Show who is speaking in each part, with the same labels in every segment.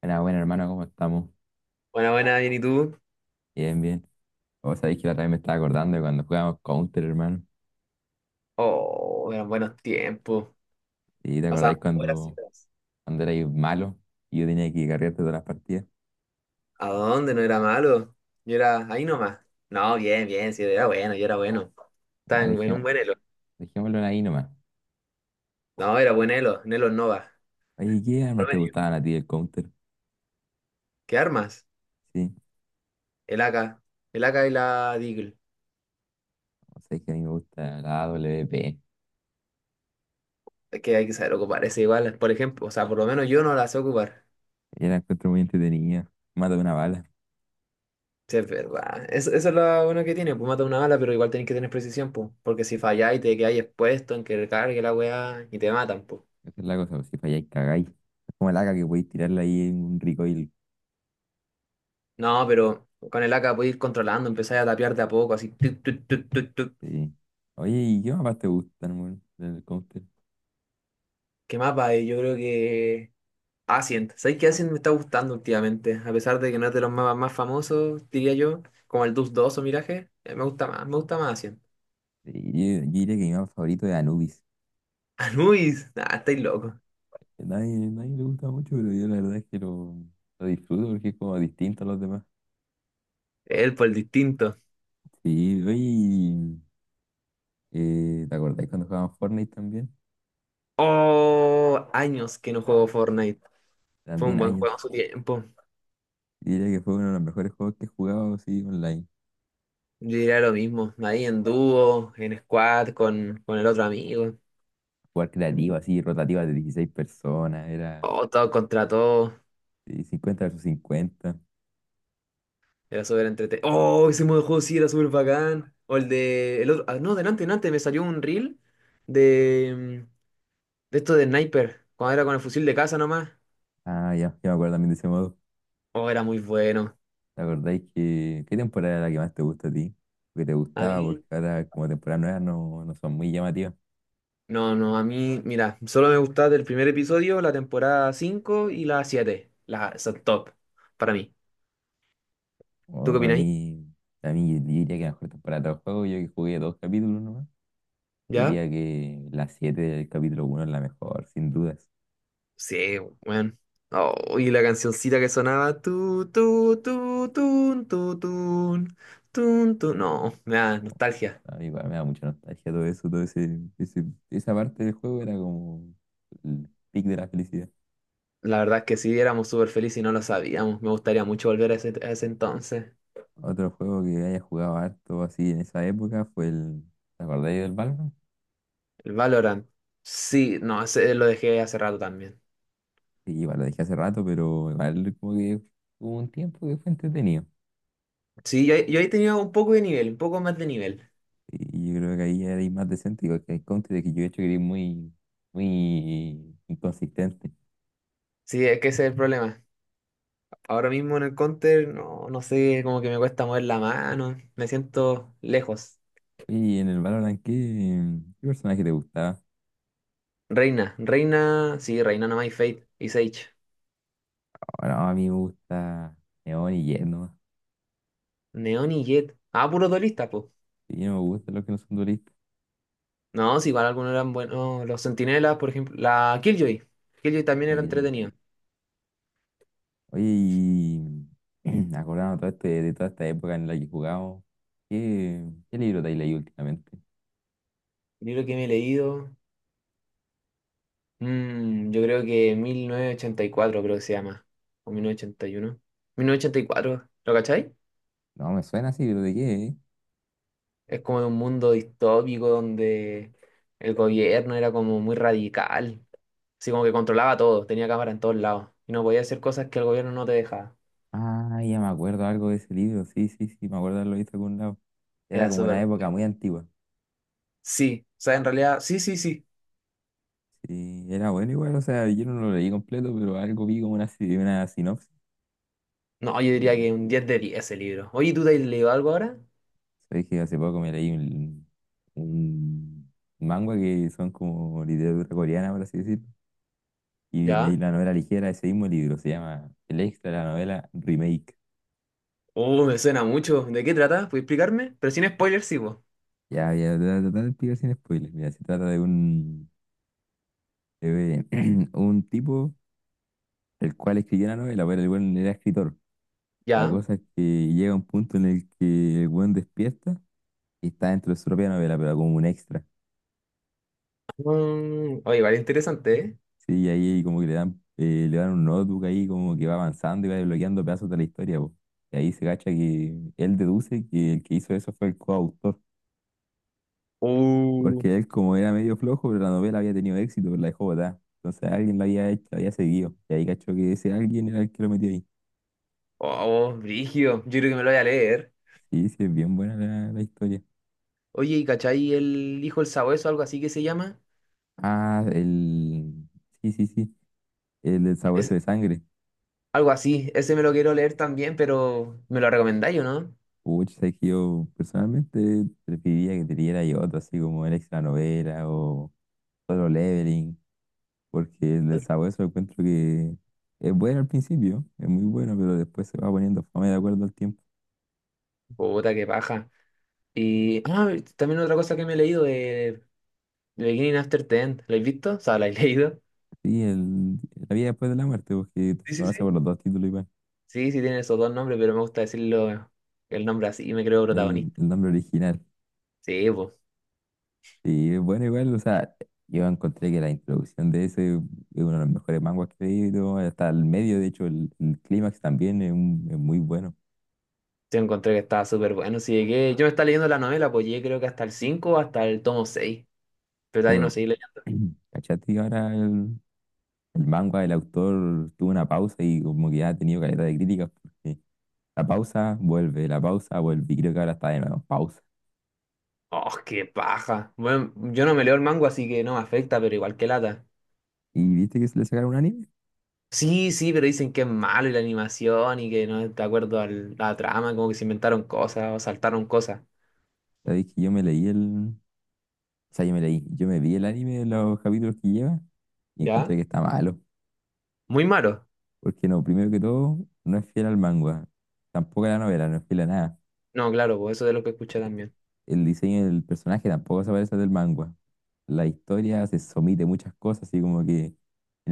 Speaker 1: Buena, buena, hermano, ¿cómo estamos?
Speaker 2: Buena, buena, bien, ¿y tú?
Speaker 1: Bien, bien. Vos sabéis que la otra vez me estaba acordando de cuando jugábamos Counter, hermano.
Speaker 2: Oh, eran buenos tiempos.
Speaker 1: ¿Y te acordáis
Speaker 2: Pasábamos horas y
Speaker 1: cuando,
Speaker 2: horas.
Speaker 1: cuando erais malo y yo tenía que cargarte todas las partidas?
Speaker 2: ¿A dónde? No era malo. Yo era ahí nomás. No, bien, bien, sí, era bueno, yo era bueno. Estaba
Speaker 1: Ya,
Speaker 2: en un buen elo.
Speaker 1: dejémoslo ahí nomás.
Speaker 2: No, era buen elo, un elo Nova.
Speaker 1: Oye, ¿qué armas te
Speaker 2: Promedio.
Speaker 1: gustaban a ti del Counter?
Speaker 2: ¿Qué armas?
Speaker 1: Sí,
Speaker 2: El AK. El AK y la Deagle.
Speaker 1: vos sabéis que a mí me gusta la A W AWP.
Speaker 2: Es que hay que saber ocupar ese igual, por ejemplo. O sea, por lo menos yo no la sé ocupar.
Speaker 1: Yo la encuentro muy entretenida. Mata de una bala.
Speaker 2: Sí, es verdad. Eso es lo bueno que tiene. Pues mata una bala, pero igual tenés que tener precisión, pues. Porque si falláis, te quedáis expuesto en que recargue la weá y te matan, pues.
Speaker 1: Esa es la cosa, pues, si falláis, cagáis. Es como el AK que podéis tirarla ahí en un recoil.
Speaker 2: No, pero con el AK puedes ir controlando, empezar a tapear de a poco, así. Tuc, tuc, tuc, tuc, tuc.
Speaker 1: Sí. Oye, ¿y qué mapas te gustan, hermano, del Counter?
Speaker 2: ¿Qué mapa hay? Yo creo que Ascent. ¿Sabes qué Ascent me está gustando últimamente? A pesar de que no es de los mapas más famosos, diría yo, como el Dus dos o Miraje, me gusta más Ascent.
Speaker 1: Sí, yo diría que mi mapa favorito es Anubis,
Speaker 2: Anubis, ah, estáis loco.
Speaker 1: que nadie le gusta mucho, pero yo la verdad es que lo disfruto porque es como distinto a los demás.
Speaker 2: Él por el distinto.
Speaker 1: Sí, oye, ¿te acordás cuando jugaban Fortnite también?
Speaker 2: Oh, años que no juego Fortnite. Fue un
Speaker 1: También
Speaker 2: buen juego en
Speaker 1: años.
Speaker 2: su tiempo.
Speaker 1: Yo diría que fue uno de los mejores juegos que he jugado así online.
Speaker 2: Yo diría lo mismo, ahí en dúo, en squad, con el otro amigo.
Speaker 1: Jugar creativo, así, rotativa de 16 personas, era
Speaker 2: Oh, todo contra todo.
Speaker 1: sí, 50 versus 50.
Speaker 2: Era súper entretenido. ¡Oh! Ese modo de juego sí era súper bacán. O el de. El otro. Ah, no, delante, delante, me salió un reel de. De esto de sniper. Cuando era con el fusil de casa nomás.
Speaker 1: Ah, ya, ya me acuerdo también de ese modo.
Speaker 2: Oh, era muy bueno.
Speaker 1: ¿Te acordáis que qué temporada era la que más te gusta a ti? Que te
Speaker 2: A
Speaker 1: gustaba porque
Speaker 2: mí.
Speaker 1: ahora como temporadas nuevas no, no son muy llamativas.
Speaker 2: No, no, a mí. Mira, solo me gustaba el primer episodio, la temporada 5 y la 7. Las son top. Para mí. ¿Tú
Speaker 1: O
Speaker 2: qué
Speaker 1: para
Speaker 2: opinas?
Speaker 1: mí, para mí yo diría que la mejor temporada de todo el juego, yo que jugué dos capítulos nomás,
Speaker 2: ¿Ya?
Speaker 1: diría que la 7 del capítulo uno es la mejor, sin dudas.
Speaker 2: Sí, bueno. Oh, y la cancioncita que sonaba. Tu, tun, tu, tun. Tun, tun. No, me da
Speaker 1: O,
Speaker 2: nostalgia.
Speaker 1: a mí igual me da mucha nostalgia todo eso, esa parte del juego era como el pic de la felicidad.
Speaker 2: La verdad que sí, éramos súper felices y no lo sabíamos. Me gustaría mucho volver a ese entonces.
Speaker 1: Otro juego que haya jugado harto así en esa época fue el, ¿te acordáis del Valorant?
Speaker 2: El Valorant. Sí, no, ese lo dejé hace rato también.
Speaker 1: Sí, igual lo dejé hace rato, pero igual como que hubo un tiempo que fue entretenido.
Speaker 2: Sí, yo ahí tenía un poco de nivel, un poco más de nivel.
Speaker 1: Y yo creo que ahí eres más decente, igual que el Counter, que yo he hecho que eres muy, muy inconsistente.
Speaker 2: Sí, es que ese es el problema. Ahora mismo en el counter, no, no sé, como que me cuesta mover la mano. Me siento lejos.
Speaker 1: Oye, y en el Valorant, ¿qué personaje te gustaba?
Speaker 2: Reina, Reina, sí, Reina no hay Fate y Sage.
Speaker 1: Ahora a mí me gusta Neon y Jett nomás.
Speaker 2: Neon y Jet. Ah, puros duelistas, po.
Speaker 1: Sí, no me gustan los que no son duelistas.
Speaker 2: No, si igual algunos eran buenos. Los Centinelas, por ejemplo. La Killjoy. Killjoy también
Speaker 1: La
Speaker 2: era
Speaker 1: que-
Speaker 2: entretenido.
Speaker 1: Oye, y acordando todo este, de toda esta época en la que jugamos, ¿qué libro te has leído últimamente?
Speaker 2: Libro que me he leído, yo creo que 1984 creo que se llama, o 1981. 1984, ¿lo cachai?
Speaker 1: No, me suena así, pero ¿de qué? ¿eh?
Speaker 2: Es como de un mundo distópico donde el gobierno era como muy radical, así como que controlaba todo, tenía cámara en todos lados y no podía hacer cosas que el gobierno no te dejaba.
Speaker 1: Ah, ya me acuerdo algo de ese libro, sí, sí, sí, me acuerdo de haberlo visto en algún lado. Era
Speaker 2: Era
Speaker 1: como una
Speaker 2: súper.
Speaker 1: época muy antigua.
Speaker 2: Sí, o sea, en realidad, sí, sí, sí.
Speaker 1: Sí, era bueno igual, o sea, yo no lo leí completo, pero algo vi como una, si- una sinopsis.
Speaker 2: No, yo
Speaker 1: Y
Speaker 2: diría que un 10 de 10 ese libro. Oye, ¿tú te has leído algo ahora?
Speaker 1: sabes que hace poco me leí un manga que son como literatura coreana, por así decirlo. Y me di
Speaker 2: ¿Ya?
Speaker 1: la novela ligera de ese mismo libro, se llama El Extra, la novela Remake.
Speaker 2: Oh, me suena mucho. ¿De qué trata? ¿Puedes explicarme? Pero sin spoilers, sí, vos.
Speaker 1: Ya, ya, te voy a tratar de explicar sin spoilers. Mira, se trata de un tipo el cual escribió una novela, pero el buen era escritor. La
Speaker 2: ¿Ya?
Speaker 1: cosa es que llega un punto en el que el buen despierta y está dentro de su propia novela, pero como un extra.
Speaker 2: Mm, oye, vale, interesante, ¿eh?
Speaker 1: Sí, ahí como que le dan un notebook ahí como que va avanzando y va desbloqueando pedazos de la historia, po. Y ahí se cacha que él deduce que el que hizo eso fue el coautor,
Speaker 2: Uh,
Speaker 1: porque él como era medio flojo, pero la novela había tenido éxito, pero la dejó botada. Entonces alguien la había hecho, la había seguido. Y ahí cachó que ese alguien era el que lo metió ahí.
Speaker 2: oh, brígido. Yo creo que me lo voy a leer.
Speaker 1: Sí, sí, es bien buena la historia.
Speaker 2: Oye, ¿y cachai el hijo el sabueso, algo así que se llama?
Speaker 1: Ah. Sí, sí, sí, el del sabueso
Speaker 2: Es
Speaker 1: de sangre.
Speaker 2: algo así. Ese me lo quiero leer también, pero ¿me lo recomendáis o no?
Speaker 1: Pucha, sabes que yo personalmente preferiría que te diera yo otro, así como el extra novela o solo leveling. Porque el de Sabueso encuentro que es bueno al principio, es muy bueno, pero después se va poniendo fome de acuerdo al tiempo.
Speaker 2: Puta, qué paja. Y ah, también otra cosa que me he leído de The Beginning After the End. ¿Lo has visto? O sea, ¿la has leído?
Speaker 1: Sí, la vida después de la muerte, porque
Speaker 2: Sí,
Speaker 1: se
Speaker 2: sí,
Speaker 1: conoce por
Speaker 2: sí.
Speaker 1: los dos títulos igual,
Speaker 2: Sí, sí, tienen esos dos nombres, pero me gusta decirlo el nombre así y me creo
Speaker 1: el,
Speaker 2: protagonista.
Speaker 1: el nombre original.
Speaker 2: Sí, pues.
Speaker 1: Sí, es bueno igual, o sea, yo encontré que la introducción de ese es uno de los mejores manguas que he leído, hasta el medio, de hecho, el clímax también es muy bueno,
Speaker 2: Yo encontré que estaba súper bueno. Si llegué, yo me estaba leyendo la novela, pues llegué creo que hasta el 5 o hasta el tomo 6. Pero de ahí no
Speaker 1: pero.
Speaker 2: seguí leyendo.
Speaker 1: ¿Cachate? Que ahora el manga, el autor tuvo una pausa y como que ya ha tenido calidad de críticas porque la pausa vuelve, la pausa vuelve. Y creo que ahora está de nuevo, pausa.
Speaker 2: ¡Oh, qué paja! Bueno, yo no me leo el mango, así que no me afecta, pero igual que lata.
Speaker 1: ¿Y viste que se le sacaron un anime?
Speaker 2: Sí, sí, pero dicen que es malo y la animación y que no es de acuerdo a la trama, como que se inventaron cosas o saltaron cosas.
Speaker 1: Sabéis que yo me leí el. O sea, yo me leí, yo me vi el anime de los capítulos que lleva y encontré
Speaker 2: ¿Ya?
Speaker 1: que está malo.
Speaker 2: Muy malo.
Speaker 1: Porque no, primero que todo, no es fiel al manga. Tampoco a la novela, no es fiel a nada.
Speaker 2: No, claro, pues eso es de lo que escuché también.
Speaker 1: El diseño del personaje tampoco se parece al del manga. La historia se somete a muchas cosas, así como que en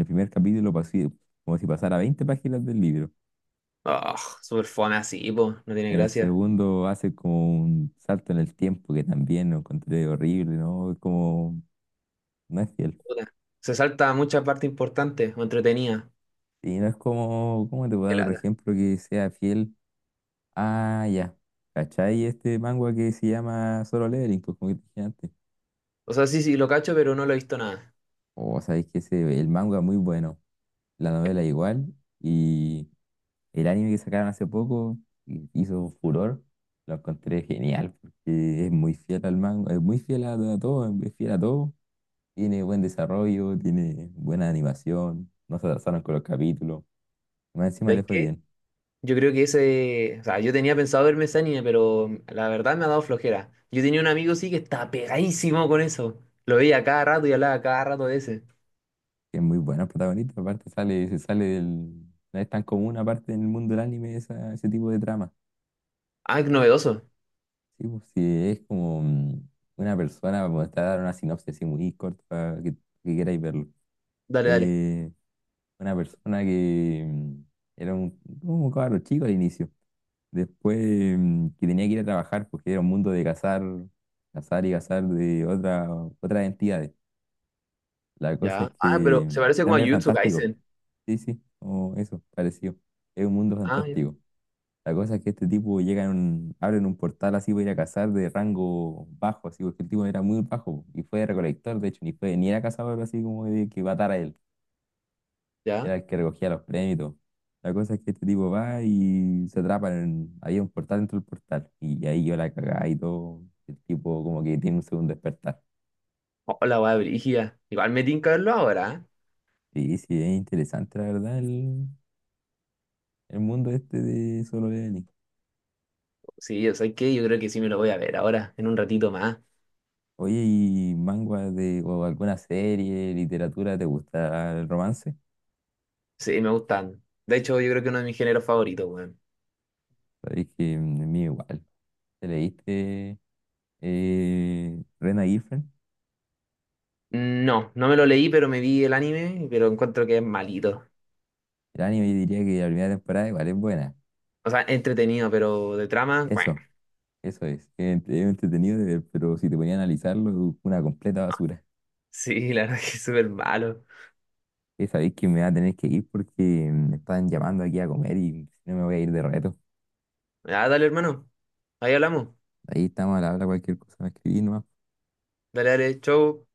Speaker 1: el primer capítulo pasó como si pasara 20 páginas del libro.
Speaker 2: ¡Oh, súper fome así, pues! No tiene
Speaker 1: En el
Speaker 2: gracia.
Speaker 1: segundo hace como un salto en el tiempo que también lo encontré horrible, ¿no? Es como, no es fiel.
Speaker 2: Puta. Se salta mucha parte importante o entretenida.
Speaker 1: Y no es como, ¿cómo te puedo
Speaker 2: Qué
Speaker 1: dar otro
Speaker 2: lata.
Speaker 1: ejemplo que sea fiel? Ah, ya. ¿Cachai? Este manga que se llama Solo Leveling, pues como que te dije antes.
Speaker 2: O sea, sí, sí, lo cacho, pero no lo he visto nada.
Speaker 1: O sabéis que ese, el manga es muy bueno, la novela igual, y el anime que sacaron hace poco hizo furor, lo encontré genial, porque es muy fiel al manga, es muy fiel a todo, es fiel a todo. Tiene buen desarrollo, tiene buena animación, no se atrasaron con los capítulos. Y más encima le
Speaker 2: ¿Sabes
Speaker 1: fue
Speaker 2: qué?
Speaker 1: bien.
Speaker 2: Yo creo que ese, o sea, yo tenía pensado verme ese anime, pero la verdad me ha dado flojera. Yo tenía un amigo sí que estaba pegadísimo con eso. Lo veía cada rato y hablaba cada rato de ese.
Speaker 1: Que es muy buena el protagonista, aparte sale, se sale del. No es tan común aparte en el mundo del anime ese tipo de trama.
Speaker 2: Ah, qué novedoso.
Speaker 1: Sí, pues sí, es como una persona, como te voy a dar una sinopsis así muy corta para que, queráis verlo.
Speaker 2: Dale, dale.
Speaker 1: Eh, una persona que era como un cabro chico al inicio. Después que tenía que ir a trabajar porque era un mundo de cazar, cazar y cazar de otra, otras entidades. La cosa es
Speaker 2: Ya. Ah, pero
Speaker 1: que
Speaker 2: se parece
Speaker 1: era
Speaker 2: como a
Speaker 1: medio
Speaker 2: Jujutsu
Speaker 1: fantástico.
Speaker 2: Kaisen.
Speaker 1: Sí, sí, como eso, parecido. Es un mundo
Speaker 2: Ah, ya.
Speaker 1: fantástico. La cosa es que este tipo llega en un, abren un portal así para ir a cazar de rango bajo, así porque el tipo era muy bajo y fue recolector, de hecho, ni fue, ni era cazador así como de que matara a él.
Speaker 2: Ya.
Speaker 1: Era el que recogía los premios y todo. La cosa es que este tipo va y se atrapa en, había un portal dentro del portal. Y ahí yo la cagaba y todo. El tipo como que tiene un segundo despertar.
Speaker 2: Hola, weá, brígida. Igual me tinca verlo ahora. ¿Eh?
Speaker 1: Sí, sí, es interesante la verdad el mundo este de Solo Leveling.
Speaker 2: Sí, o sea, que yo creo que sí me lo voy a ver ahora, en un ratito más.
Speaker 1: Oye, ¿y manga de, o alguna serie, literatura, te gusta el romance?
Speaker 2: Sí, me gustan. De hecho, yo creo que uno de mis géneros favoritos, weón.
Speaker 1: Sabéis que a mí igual. ¿Te leíste Rena Girlfriend?
Speaker 2: No, no me lo leí, pero me vi el anime, pero encuentro que es malito.
Speaker 1: El anime yo diría que la primera temporada igual es buena.
Speaker 2: O sea, entretenido, pero de trama, ¡cuac!
Speaker 1: Eso. Eso es entretenido, pero si te ponía a analizarlo, una completa basura.
Speaker 2: Sí, la verdad que es súper malo.
Speaker 1: Esa vez que me va a tener que ir porque me están llamando aquí a comer y si no me voy a ir de reto.
Speaker 2: Ah, dale, hermano. Ahí hablamos.
Speaker 1: Ahí estamos al habla, cualquier cosa me escribí nomás.
Speaker 2: Dale, dale, chau.